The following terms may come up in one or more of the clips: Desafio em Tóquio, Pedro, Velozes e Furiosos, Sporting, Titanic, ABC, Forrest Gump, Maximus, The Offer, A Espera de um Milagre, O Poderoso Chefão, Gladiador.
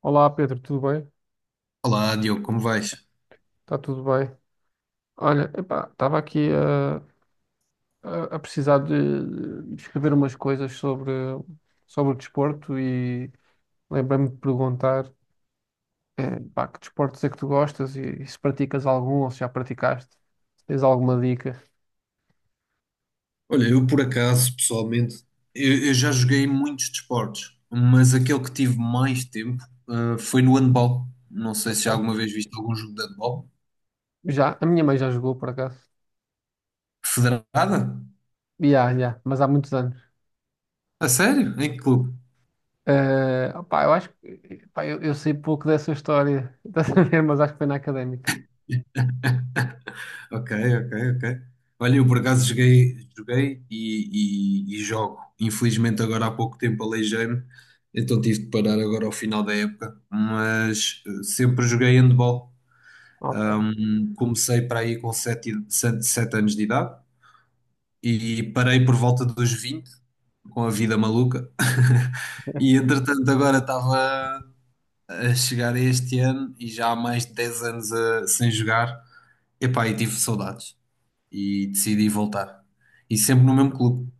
Olá Pedro, tudo bem? Olá, Diogo, como vais? Está tudo bem. Olha, epá, estava aqui a precisar de escrever umas coisas sobre o desporto e lembrei-me de perguntar, pá, que desportos é que tu gostas e se praticas algum ou se já praticaste, se tens alguma dica. Olha, eu por acaso, pessoalmente, eu já joguei muitos desportos, mas aquele que tive mais tempo, foi no handball. Não sei se já Ok. alguma vez viste algum jogo de handball. Já, a minha mãe já jogou por acaso. Federada? Já, já, mas há muitos anos. A sério? Em que clube? Eu acho epá, eu sei pouco dessa história, estás a ver, mas acho que foi na académica. Ok, ok, ok. Olha, eu por acaso joguei, joguei e jogo. Infelizmente agora há pouco tempo aleijei-me, então tive de parar agora ao final da época, mas sempre joguei handball. Ok. Comecei para aí com sete anos de idade e parei por volta dos 20 com a vida maluca. E entretanto, agora estava a chegar a este ano e já há mais de 10 anos sem jogar. Epá, e tive saudades e decidi voltar. E sempre no mesmo clube,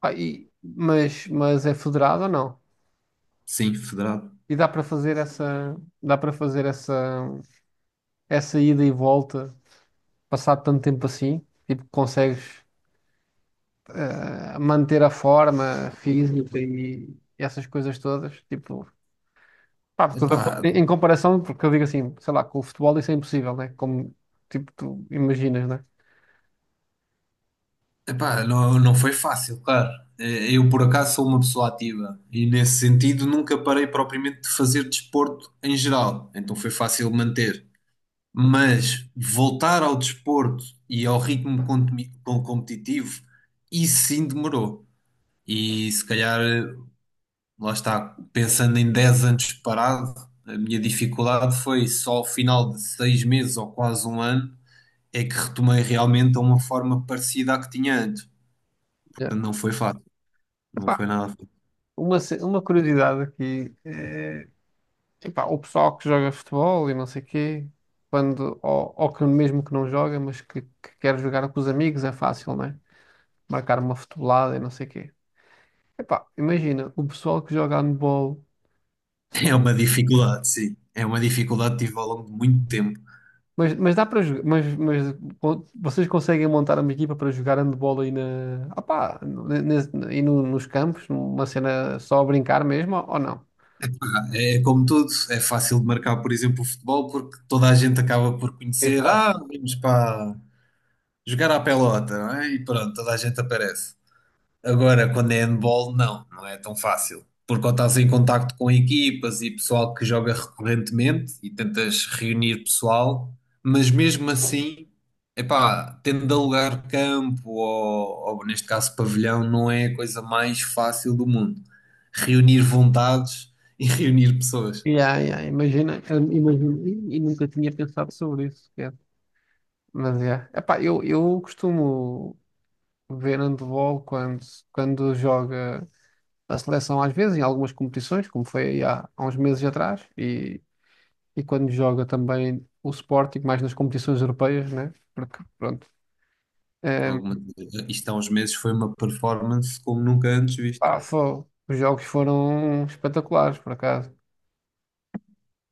Pá, mas é federado ou não? sim, federado. E dá para fazer dá para fazer essa, essa ida e volta, passado tanto tempo assim? Tipo, consegues manter a forma física e essas coisas todas? Tipo, pá, Epá, em em comparação, porque eu digo assim, sei lá, com o futebol isso é impossível, né? Como, tipo, tu imaginas, né? Epá, não, não foi fácil, claro. Eu, por acaso, sou uma pessoa ativa e, nesse sentido, nunca parei propriamente de fazer desporto em geral, então foi fácil manter. Mas voltar ao desporto e ao ritmo competitivo, isso sim demorou. E se calhar, lá está, pensando em 10 anos parado, a minha dificuldade foi só ao final de 6 meses ou quase um ano é que retomei realmente a uma forma parecida à que tinha antes. Yeah. Portanto, não foi fácil. Não Epá, foi nada fácil. Uma curiosidade aqui, epá, o pessoal que joga futebol e não sei quê, ou que mesmo que não joga, que quer jogar com os amigos, é fácil, né? Marcar uma futebolada e não sei quê. Epá, imagina, o pessoal que joga handball, se É for- uma dificuldade, sim. É uma dificuldade que tive ao longo de muito tempo. Mas dá para jogar, vocês conseguem montar uma equipa para jogar handball aí na, opá, ne- ne- aí no- nos campos, numa cena só a brincar mesmo, ou não? É como tudo, é fácil de marcar, por exemplo, o futebol, porque toda a gente acaba por conhecer. Exato. Ah, vamos para jogar à pelota, não é? E pronto, toda a gente aparece. Agora, quando é handball, não, não é tão fácil. Porque quando estás em contacto com equipas e pessoal que joga recorrentemente e tentas reunir pessoal, mas mesmo assim, epá, tendo de alugar campo ou neste caso pavilhão, não é a coisa mais fácil do mundo. Reunir vontades e reunir pessoas. Yeah, yeah, imagina, imagina, e nunca tinha pensado sobre isso. Mas é. Epá, eu costumo ver handball quando joga a seleção, às vezes, em algumas competições, como foi aí há uns meses atrás, e quando joga também o Sporting, mais nas competições europeias, né? Porque, pronto, eh, Alguma- Isto há uns meses foi uma performance como nunca antes visto. Os jogos foram espetaculares, por acaso.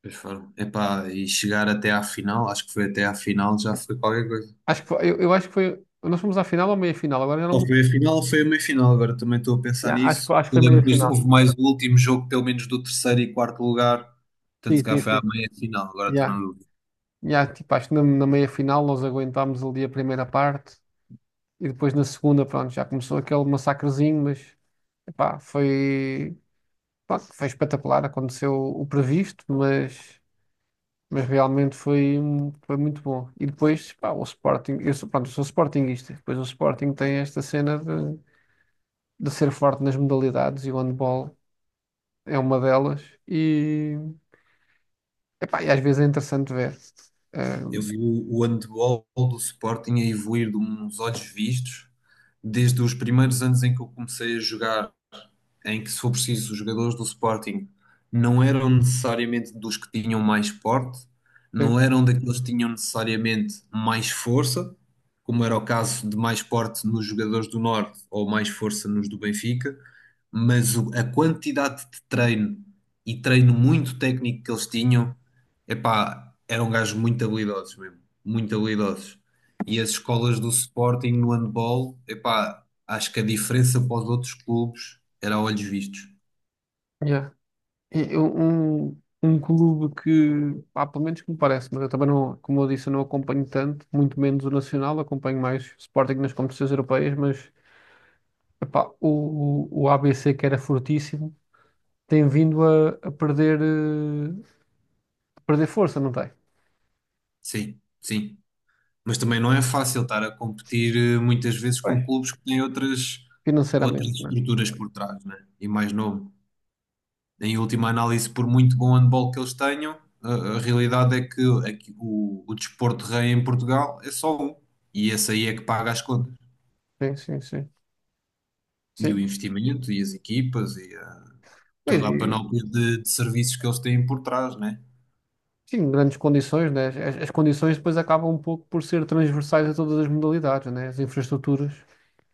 Pois foram. Epá, e chegar até à final, acho que foi até à final, já foi qualquer coisa. Acho que foi- eu acho que foi. Nós fomos à final ou à meia final? Agora já não Ou me. foi a final, ou foi a meia-final. Agora também estou a pensar Yeah, nisso. Acho que Eu foi lembro meia que depois final. houve mais o último jogo, pelo menos do terceiro e quarto lugar. Portanto, Sim, se calhar sim, foi à sim. meia-final. Agora estou na Yeah. dúvida. Yeah, tipo, acho que na meia final nós aguentámos ali a primeira parte. E depois na segunda, pronto, já começou aquele massacrezinho, mas epá, foi, pronto, foi espetacular. Aconteceu o previsto, mas realmente foi muito bom. E depois, pá, o Sporting, eu sou sportinguista. Depois o Sporting tem esta cena de ser forte nas modalidades e o handball é uma delas. E, epá, e às vezes é interessante ver. Eu Eh, vi o handball do Sporting a evoluir de uns olhos vistos desde os primeiros anos em que eu comecei a jogar, em que, se for preciso, os jogadores do Sporting não eram necessariamente dos que tinham mais porte, sim, não eram daqueles que tinham necessariamente mais força, como era o caso de mais porte nos jogadores do Norte ou mais força nos do Benfica, mas a quantidade de treino e treino muito técnico que eles tinham, epá, eram gajos muito habilidosos mesmo, muito habilidosos. E as escolas do Sporting no handball, epá, acho que a diferença para os outros clubes era a olhos vistos. yeah. Um clube que, pá, pelo menos que me parece, mas eu também não, como eu disse, eu não acompanho tanto, muito menos o Nacional, acompanho mais o Sporting nas competições europeias, mas epá, o ABC, que era fortíssimo, tem vindo a perder, a perder força, não tem? Sim, sim. Mas também não é fácil estar a competir muitas vezes Pois. com clubes que têm outras, outras Financeiramente, né? estruturas por trás, né? E mais novo. Em última análise, por muito bom handball que eles tenham, a realidade é que o desporto rei em Portugal é só um. E esse aí é que paga as contas. Sim, sim, sim. E o Sim, investimento, e as equipas, e pois, toda a e- panóplia de serviços que eles têm por trás, né? sim, grandes condições, né? As condições depois acabam um pouco por ser transversais a todas as modalidades, né? As infraestruturas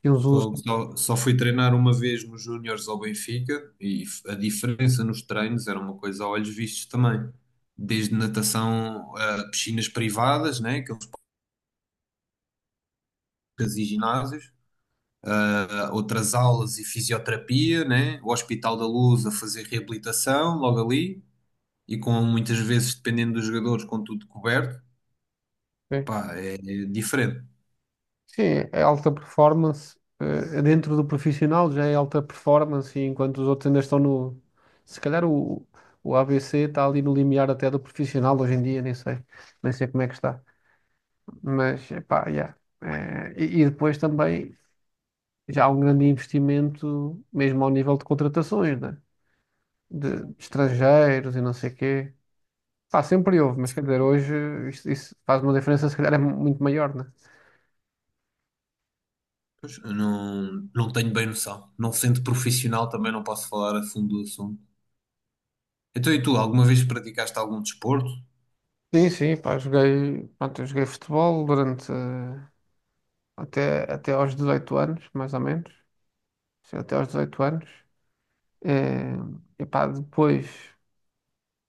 que uns usam. Fogo. Só fui treinar uma vez nos Júniores ao Benfica e a diferença nos treinos era uma coisa a olhos vistos também. Desde natação a piscinas privadas, né, aqueles parques e ginásios, a outras aulas e fisioterapia, né, o Hospital da Luz a fazer reabilitação logo ali e com muitas vezes, dependendo dos jogadores, com tudo coberto. Pá, é diferente. Sim, é alta performance. Dentro do profissional já é alta performance, e enquanto os outros ainda estão no. Se calhar o ABC está ali no limiar até do profissional hoje em dia, nem sei. Nem sei como é que está. Mas, epá, yeah. E depois também já há um grande investimento, mesmo ao nível de contratações, né? De estrangeiros e não sei quê. Pá, sempre houve, mas quer dizer, hoje isso faz uma diferença, se calhar é muito maior, né? Pois, eu não, não tenho bem noção. Não sendo profissional também não posso falar a fundo do assunto. Então, e tu, alguma vez praticaste algum desporto? Sim, sim, pá, joguei, pronto, eu joguei futebol durante até aos 18 anos, mais ou menos. Sim, até aos 18 anos. Eh, e pá, depois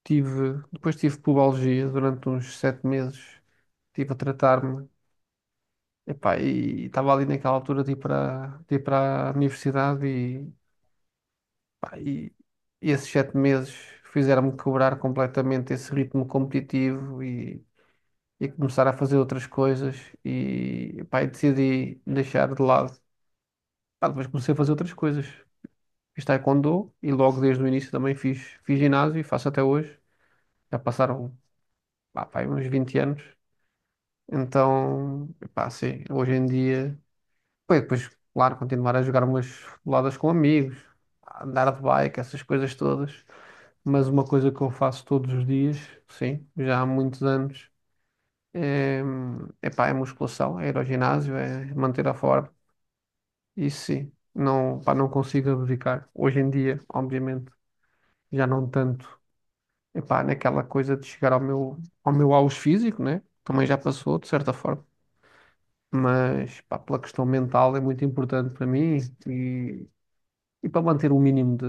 depois tive pubalgia durante uns 7 meses. Estive a tratar-me. E pá, e estava ali naquela altura de ir de ir para a universidade e, pá, e esses 7 meses fizeram-me quebrar completamente esse ritmo competitivo e começar a fazer outras coisas e, pá, e decidi deixar de lado. Pá, depois comecei a fazer outras coisas. Fiz taekwondo e logo desde o início também fiz ginásio e faço até hoje. Já passaram, pá, pá, uns 20 anos. Então, pá, sim, hoje em dia, pá, e depois, claro, continuar a jogar umas boladas com amigos, a andar de bike, essas coisas todas. Mas uma coisa que eu faço todos os dias, sim, já há muitos anos, é, é musculação, é ir ao ginásio, é manter a forma. Isso sim, não, pá, não consigo abdicar. Hoje em dia, obviamente, já não tanto. Epá, naquela coisa de chegar ao ao meu auge físico, né? Também já passou, de certa forma. Mas, pá, pela questão mental é muito importante para mim e, e para manter o mínimo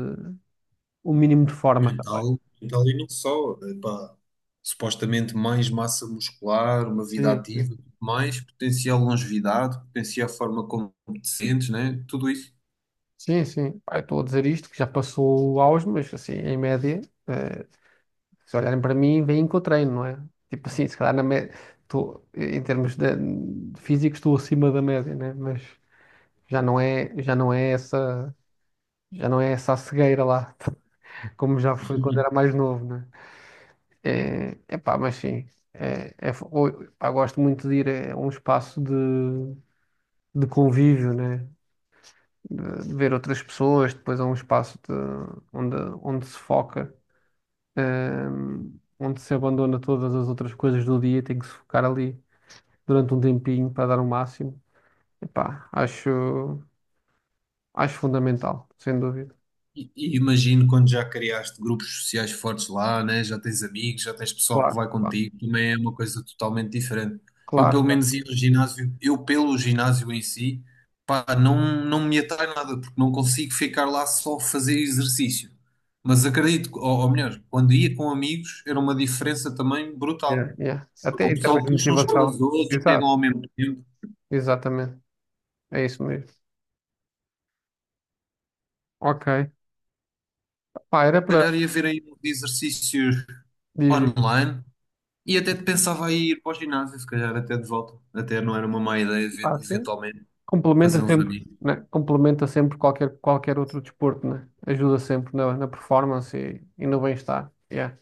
o mínimo de forma também. Mental, mental e não só. Epá, supostamente mais massa muscular, uma vida Sim, sim. ativa, mais potencial longevidade, potencial forma como te sentes, né? Tudo isso. Sim, sim. Pá, eu estou a dizer isto, que já passou o auge, mas assim, em média. eh, Se olharem para mim, veem que eu treino, não é? Tipo assim, se calhar na média, estou, em termos de físicos, estou acima da média, né? Mas já não é, já não é essa, já não é essa a cegueira lá, como já foi quando era mais novo, né? É, epá, mas sim, pá, gosto muito de ir a um espaço de convívio, né? De ver outras pessoas, depois a um espaço onde, onde se foca. eh, Onde se abandona todas as outras coisas do dia, e tem que se focar ali durante um tempinho para dar o máximo. Epá, acho fundamental, sem dúvida. E imagino quando já criaste grupos sociais fortes lá, né? Já tens amigos, já tens pessoal que Claro, vai contigo, também é uma coisa totalmente diferente. Eu pelo claro, claro. menos ia no ginásio, eu pelo ginásio em si, pá, não, não me atrai nada, porque não consigo ficar lá só a fazer exercício. Mas acredito, ou melhor, quando ia com amigos era uma diferença também Yeah, brutal, yeah. porque Até o em termos pessoal de puxa uns pelos motivação. outros, chegam Exato, ao mesmo tempo. exatamente. É isso mesmo. Ok. Pá, era Se para calhar ia ver aí uns exercícios dizer, online, e até pensava em ir para o ginásio, se calhar até de volta. Até não era uma má ideia, pá, sim. eventualmente, fazer Complementa uns sempre, amigos. né? Complementa sempre qualquer, qualquer outro desporto, né? Ajuda sempre na, na performance e no bem-estar. Yeah.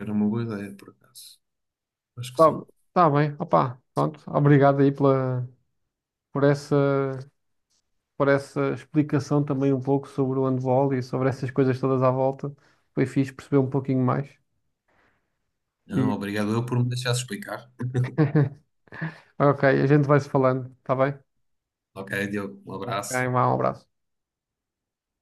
Era uma boa ideia, por acaso. Acho que Tá, sim. tá bem, opá, pronto. Obrigado aí por essa, por essa explicação também um pouco sobre o handball e sobre essas coisas todas à volta. Foi fixe perceber um pouquinho mais. Não, E... obrigado eu por me deixar explicar. Ok, a gente vai se falando, tá bem? Ok, Diogo, um Ok, abraço. um abraço.